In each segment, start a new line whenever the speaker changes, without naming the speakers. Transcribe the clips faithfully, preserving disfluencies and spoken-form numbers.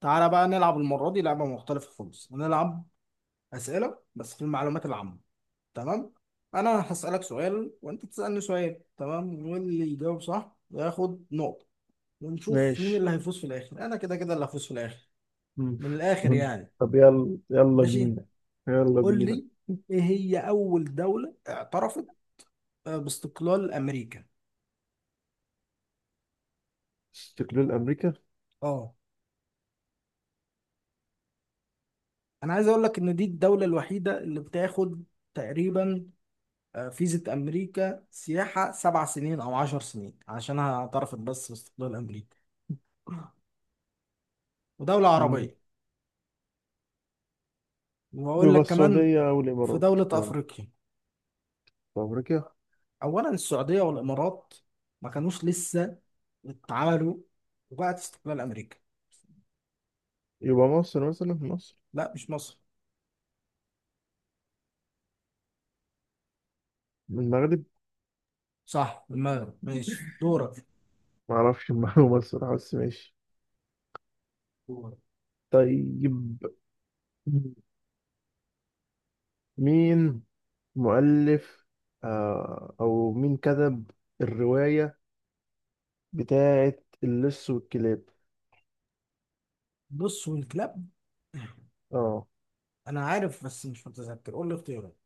تعالى بقى نلعب المرة دي لعبة مختلفة خالص، هنلعب أسئلة بس في المعلومات العامة. تمام. أنا هسألك سؤال وأنت تسألني سؤال، تمام، واللي يجاوب صح ياخد نقطة، ونشوف مين
ماشي.
اللي هيفوز في الآخر. أنا كده كده اللي هفوز في الآخر،
مم.
من الآخر
مم.
يعني.
طب، يلا يلا
ماشي.
بينا، يلا
قول
بينا.
لي إيه هي أول دولة اعترفت، آه، باستقلال أمريكا؟
استقلال أمريكا.
أه. أنا عايز أقول لك إن دي الدولة الوحيدة اللي بتاخد تقريبا آه، فيزا أمريكا سياحة سبع سنين أو عشر سنين، عشان اعترفت بس باستقلال أمريكا، ودولة
مم.
عربية. وأقول
يبقى
لك كمان
السعودية أو
في
الإمارات.
دولة
يلا.
أفريقيا.
طب أمريكا.
أولا السعودية والإمارات ما كانوش لسه اتعملوا، وبعد استقلال أمريكا.
يبقى مصر، مثلا مصر،
لا، مش مصر.
من المغرب.
صح، المغرب، ماشي دورك.
معرفش المعلومة الصراحة، بس ماشي.
دورك.
طيب، مين مؤلف، آه أو مين كتب الرواية بتاعة اللص والكلاب؟
بص والكلاب،
اه.
أنا عارف بس مش متذكر، قول لي اختيارات.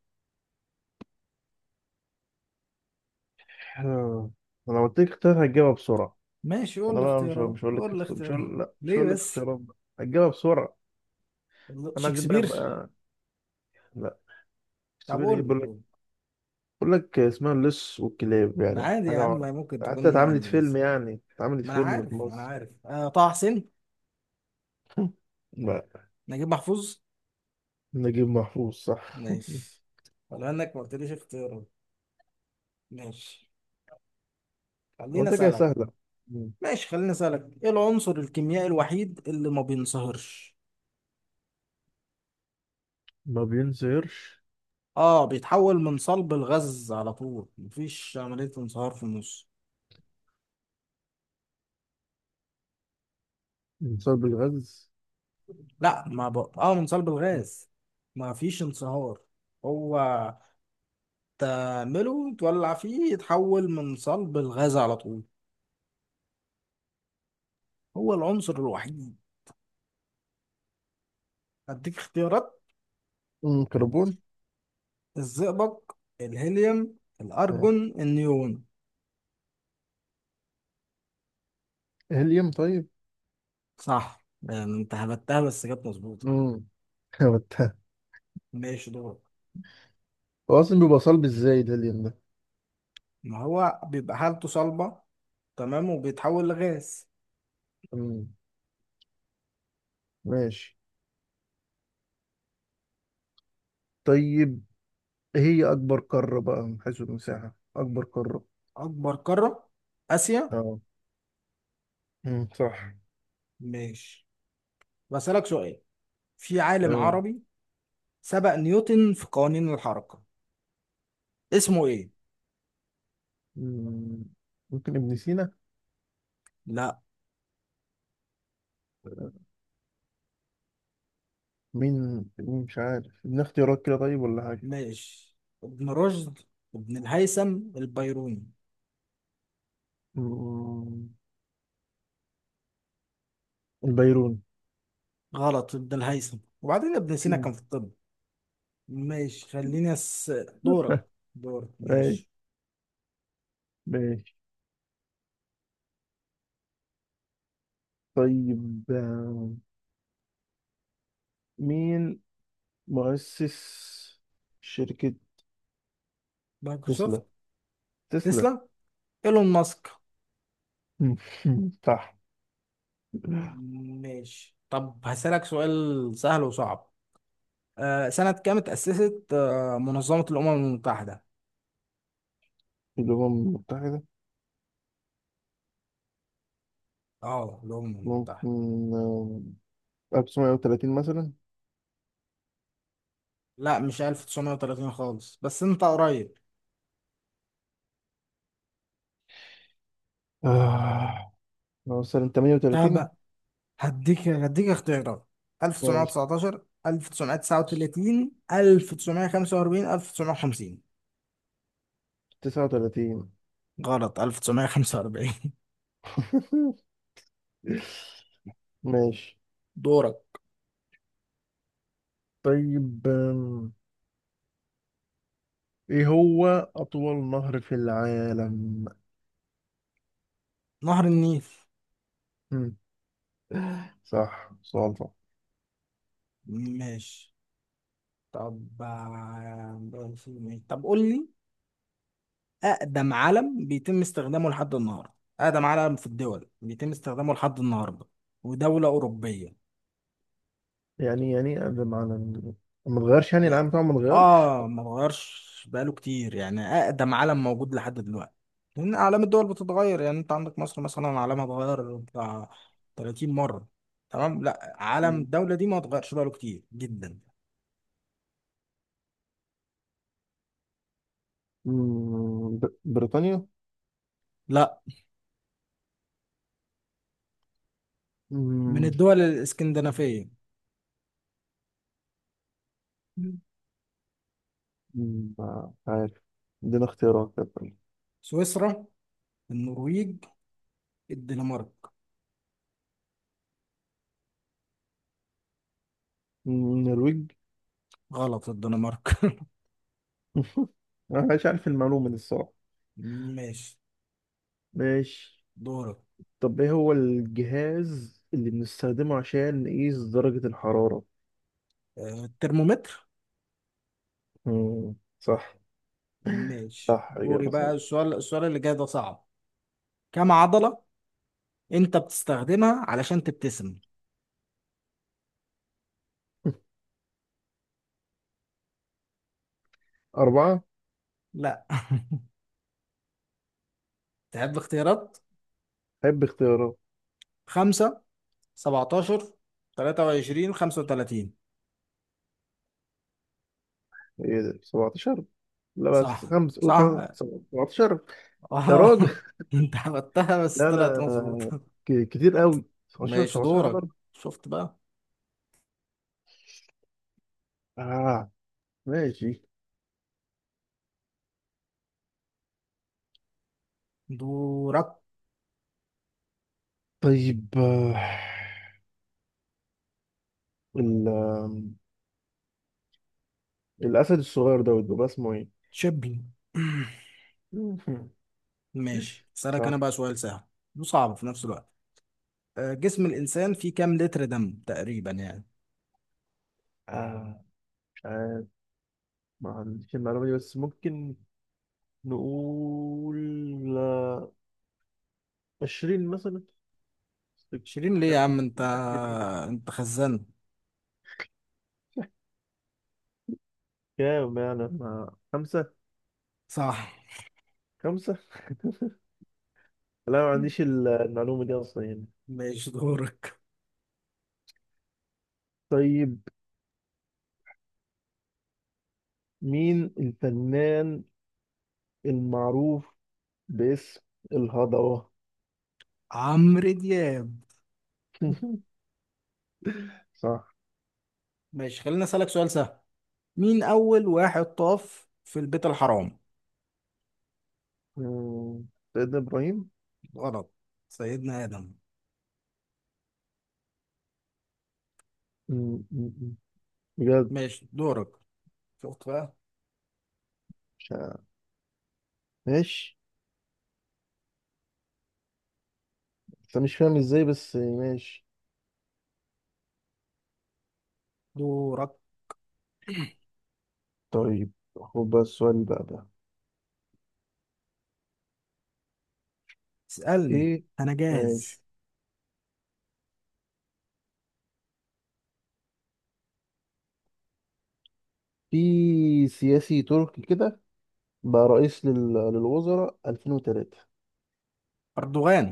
آه. أنا لو قلت لك اختيارات هتجاوبها بسرعة.
ماشي قول
انا
لي
بقى مش
اختيارات،
مش هقول لك
قول لي
اخت... مش
اختيارات.
هقول لا، مش
ليه
هقول لك
بس؟
اختيارات، بقى هتجيبها بسرعه. انا عايزين بقى
شكسبير.
يبقى. لا،
طب
سيبيلي ايه.
قول
بقول لك
لي.
بقول لك اسمها اللص والكلاب، يعني
عادي يا عم،
حاجه.
ما ممكن تكون
حتى اتعملت فيلم،
انجليزي.
يعني اتعملت
ما انا
فيلم في
عارف ما انا
مصر.
عارف آه طه حسين.
لا،
نجيب محفوظ.
نجيب محفوظ صح.
ماشي، ولا انك ما قلتليش اختيارات. ماشي خليني
قلت كده
اسالك.
سهله. مم.
ماشي خليني اسالك ايه العنصر الكيميائي الوحيد اللي ما بينصهرش؟
ما بينزهرش؟
اه، بيتحول من صلب الغاز على طول، مفيش عملية انصهار في النص.
بسبب الغاز.
لا، ما ب... اه من صلب الغاز، ما فيش انصهار. هو تعمله تولع فيه يتحول من صلب الغاز على طول. هو العنصر الوحيد. أديك اختيارات:
أمم، كربون.
الزئبق، الهيليوم،
آه.
الأرجون، النيون.
هيليوم طيب.
صح، يعني أنت هبتها بس كانت مظبوطة.
امم
ماشي دورك.
هو اصلا بيبقى صلب ازاي الهيليوم ده؟
ما هو بيبقى حالته صلبة، تمام، وبيتحول لغاز.
أمم، ماشي. طيب، هي أكبر قارة بقى من حيث المساحة، أكبر قارة.
أكبر قارة، آسيا.
اه، مم، صح.
ماشي، بسألك سؤال، في عالم
أيوة.
عربي سبق نيوتن في قوانين الحركة، اسمه إيه؟
مم، ممكن ابن سينا.
لا.
مين مين، مش عارف، ادينا اختيارات كده طيب ولا حاجة.
ماشي: ابن رشد، ابن الهيثم، البيروني.
مم، البيروني.
غلط، ابن الهيثم، وبعدين ابن سينا كان
مم.
في الطب. ماشي، خليني أس... دورك. دورك
ماشي،
ماشي.
ماشي. طيب، آه، مين مؤسس شركة تسلا؟
مايكروسوفت.
تسلا.
تسلا. ايلون ماسك.
مم. صح.
ماشي، طب هسألك سؤال سهل وصعب. آه سنة كام اتأسست آه منظمة الأمم المتحدة؟
الأمم المتحدة،
اه، الأمم
ممكن،
المتحدة.
آه، ألف وتسعمية وتلاتين مثلا.
لا مش ألف تسعمية وتلاتين خالص، بس انت قريب.
آه، نوصل تمنية وتلاتين.
طب هديك هديك اختيارات:
ماشي،
ألف تسعمية وتسعتاشر، ألف تسعمية وتسعة وتلاتين، ألف تسعمية وخمسة وأربعين، ألف تسعمية وخمسين.
تسعة وتلاتين.
غلط، ألف تسعمية وخمسة وأربعين.
ماشي.
دورك.
طيب أم، ايه هو أطول نهر في العالم؟
نهر النيل.
مم، صح، سؤال صح.
ماشي، طب آه، طب قول لي أقدم علم بيتم استخدامه لحد النهاردة، أقدم علم في الدول بيتم استخدامه لحد النهاردة، ودولة أوروبية.
يعني يعني ده معنى إن- ما اتغيرش، يعني العالم
يعني
بتاعه ما اتغيرش.
آه ما اتغيرش بقاله كتير، يعني أقدم علم موجود لحد دلوقتي، لأن أعلام الدول بتتغير. يعني أنت عندك مصر مثلا علمها اتغير بتاع تلاتين مرة، تمام، لا علم الدولة دي ما اتغيرش بقاله كتير جدا.
مم، بر- بريطانيا.
لا، من
مم،
الدول الاسكندنافية:
مم، ما مش عارف، ادينا اختيارات طب.
سويسرا، النرويج، الدنمارك.
مم، النرويج.
غلط، الدنمارك.
انا مش عارف المعلومة دي الصراحة.
ماشي
ماشي.
دورك.
طب ايه هو الجهاز اللي بنستخدمه عشان نقيس درجة الحرارة؟
آه، الترمومتر.
مم. صح،
ماشي،
صح
دوري
إجابة
بقى.
صحيحة.
السؤال السؤال اللي جاي ده صعب. كم عضلة انت بتستخدمها علشان تبتسم؟
أربعة.
لا. تحب اختيارات؟
حب اختيارات.
خمسة، سبعتاشر، تلاتة وعشرين، خمسة وتلاتين.
ايه ده، سبعة عشر؟ لا، بس
صح،
خمسة، قول خمسة.
صح.
سبعتاشر. يا
اه.
راجل.
انت عملتها بس
لا،
طلعت
أنا
مظبوطة.
ك- كتير قوي سبعة عشر،
ماشي
سبعة عشر على
دورك،
ضرب.
شفت بقى.
آه. ماشي.
دورك.
طيب، آه، ال آه، الأسد الصغير دوت بيبقى اسمه ايه؟
تشبي. ماشي اسألك انا
صح.
بقى سؤال سهل وصعب في نفس الوقت. آه، جسم الانسان فيه كام لتر دم تقريبا يعني؟
آه مش عارف، ما عنديش المعلومة دي، بس ممكن نقول آه، عشرين مثلا. مش
شيرين ليه يا
عارف كده-
عم انت،
مش عارف كده.
انت خزان.
كام يعني؟ ما خمسة.
صح.
خمسة. لا، ما عنديش ال- المعلومة دي أصلا يعني.
ماشي دورك.
طيب، مين الفنان المعروف باسم الهضبة؟
عمرو دياب.
صح.
ماشي خلينا اسألك سؤال سهل. مين اول واحد طاف في البيت الحرام؟
مم، سيدنا إبراهيم.
غلط، سيدنا ادم.
مم، مم، مم. بجد.
ماشي دورك، شفت بقى.
مش عارف. ماشي، بس أنا مش فاهم ازاي، بس ماشي.
دورك.
طيب، خد بقى السؤال بقى ده.
اسألني،
ايه؟
انا
ماشي.
جاهز.
في سياسي تركي كده، بقى رئيس لل- للوزراء ألفين وثلاثة،
اردوغان.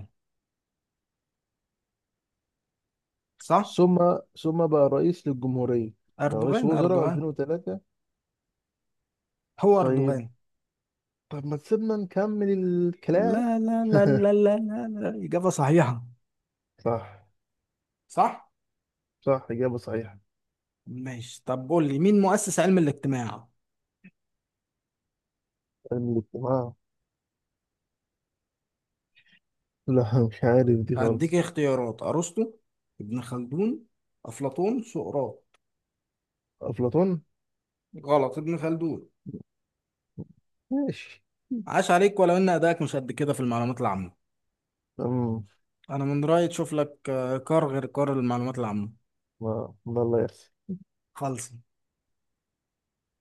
صح.
ثم ثم بقى رئيس للجمهورية، كان رئيس
اردوغان،
وزراء
اردوغان.
ألفين وثلاثة.
هو
طيب.
اردوغان.
طب ما تسيبنا نكمل الكلام.
لا، لا، لا، لا، لا، لا، لا، إجابة صحيحة.
صح.
صح؟
صح، إجابة صحيحة.
ماشي طب قول لي مين مؤسس علم الاجتماع؟
علم الاجتماع. لا، مش عارف دي
هديك
خالص.
اختيارات: أرسطو، ابن خلدون، أفلاطون، سقراط.
أفلاطون.
غلط، ابن خلدون.
ماشي.
عاش عليك، ولو إن أدائك مش قد كده في المعلومات العامة.
أمم
أنا من رأيي تشوف لك آه، كار غير كار المعلومات العامة.
ما ما الله يحسن.
خلص.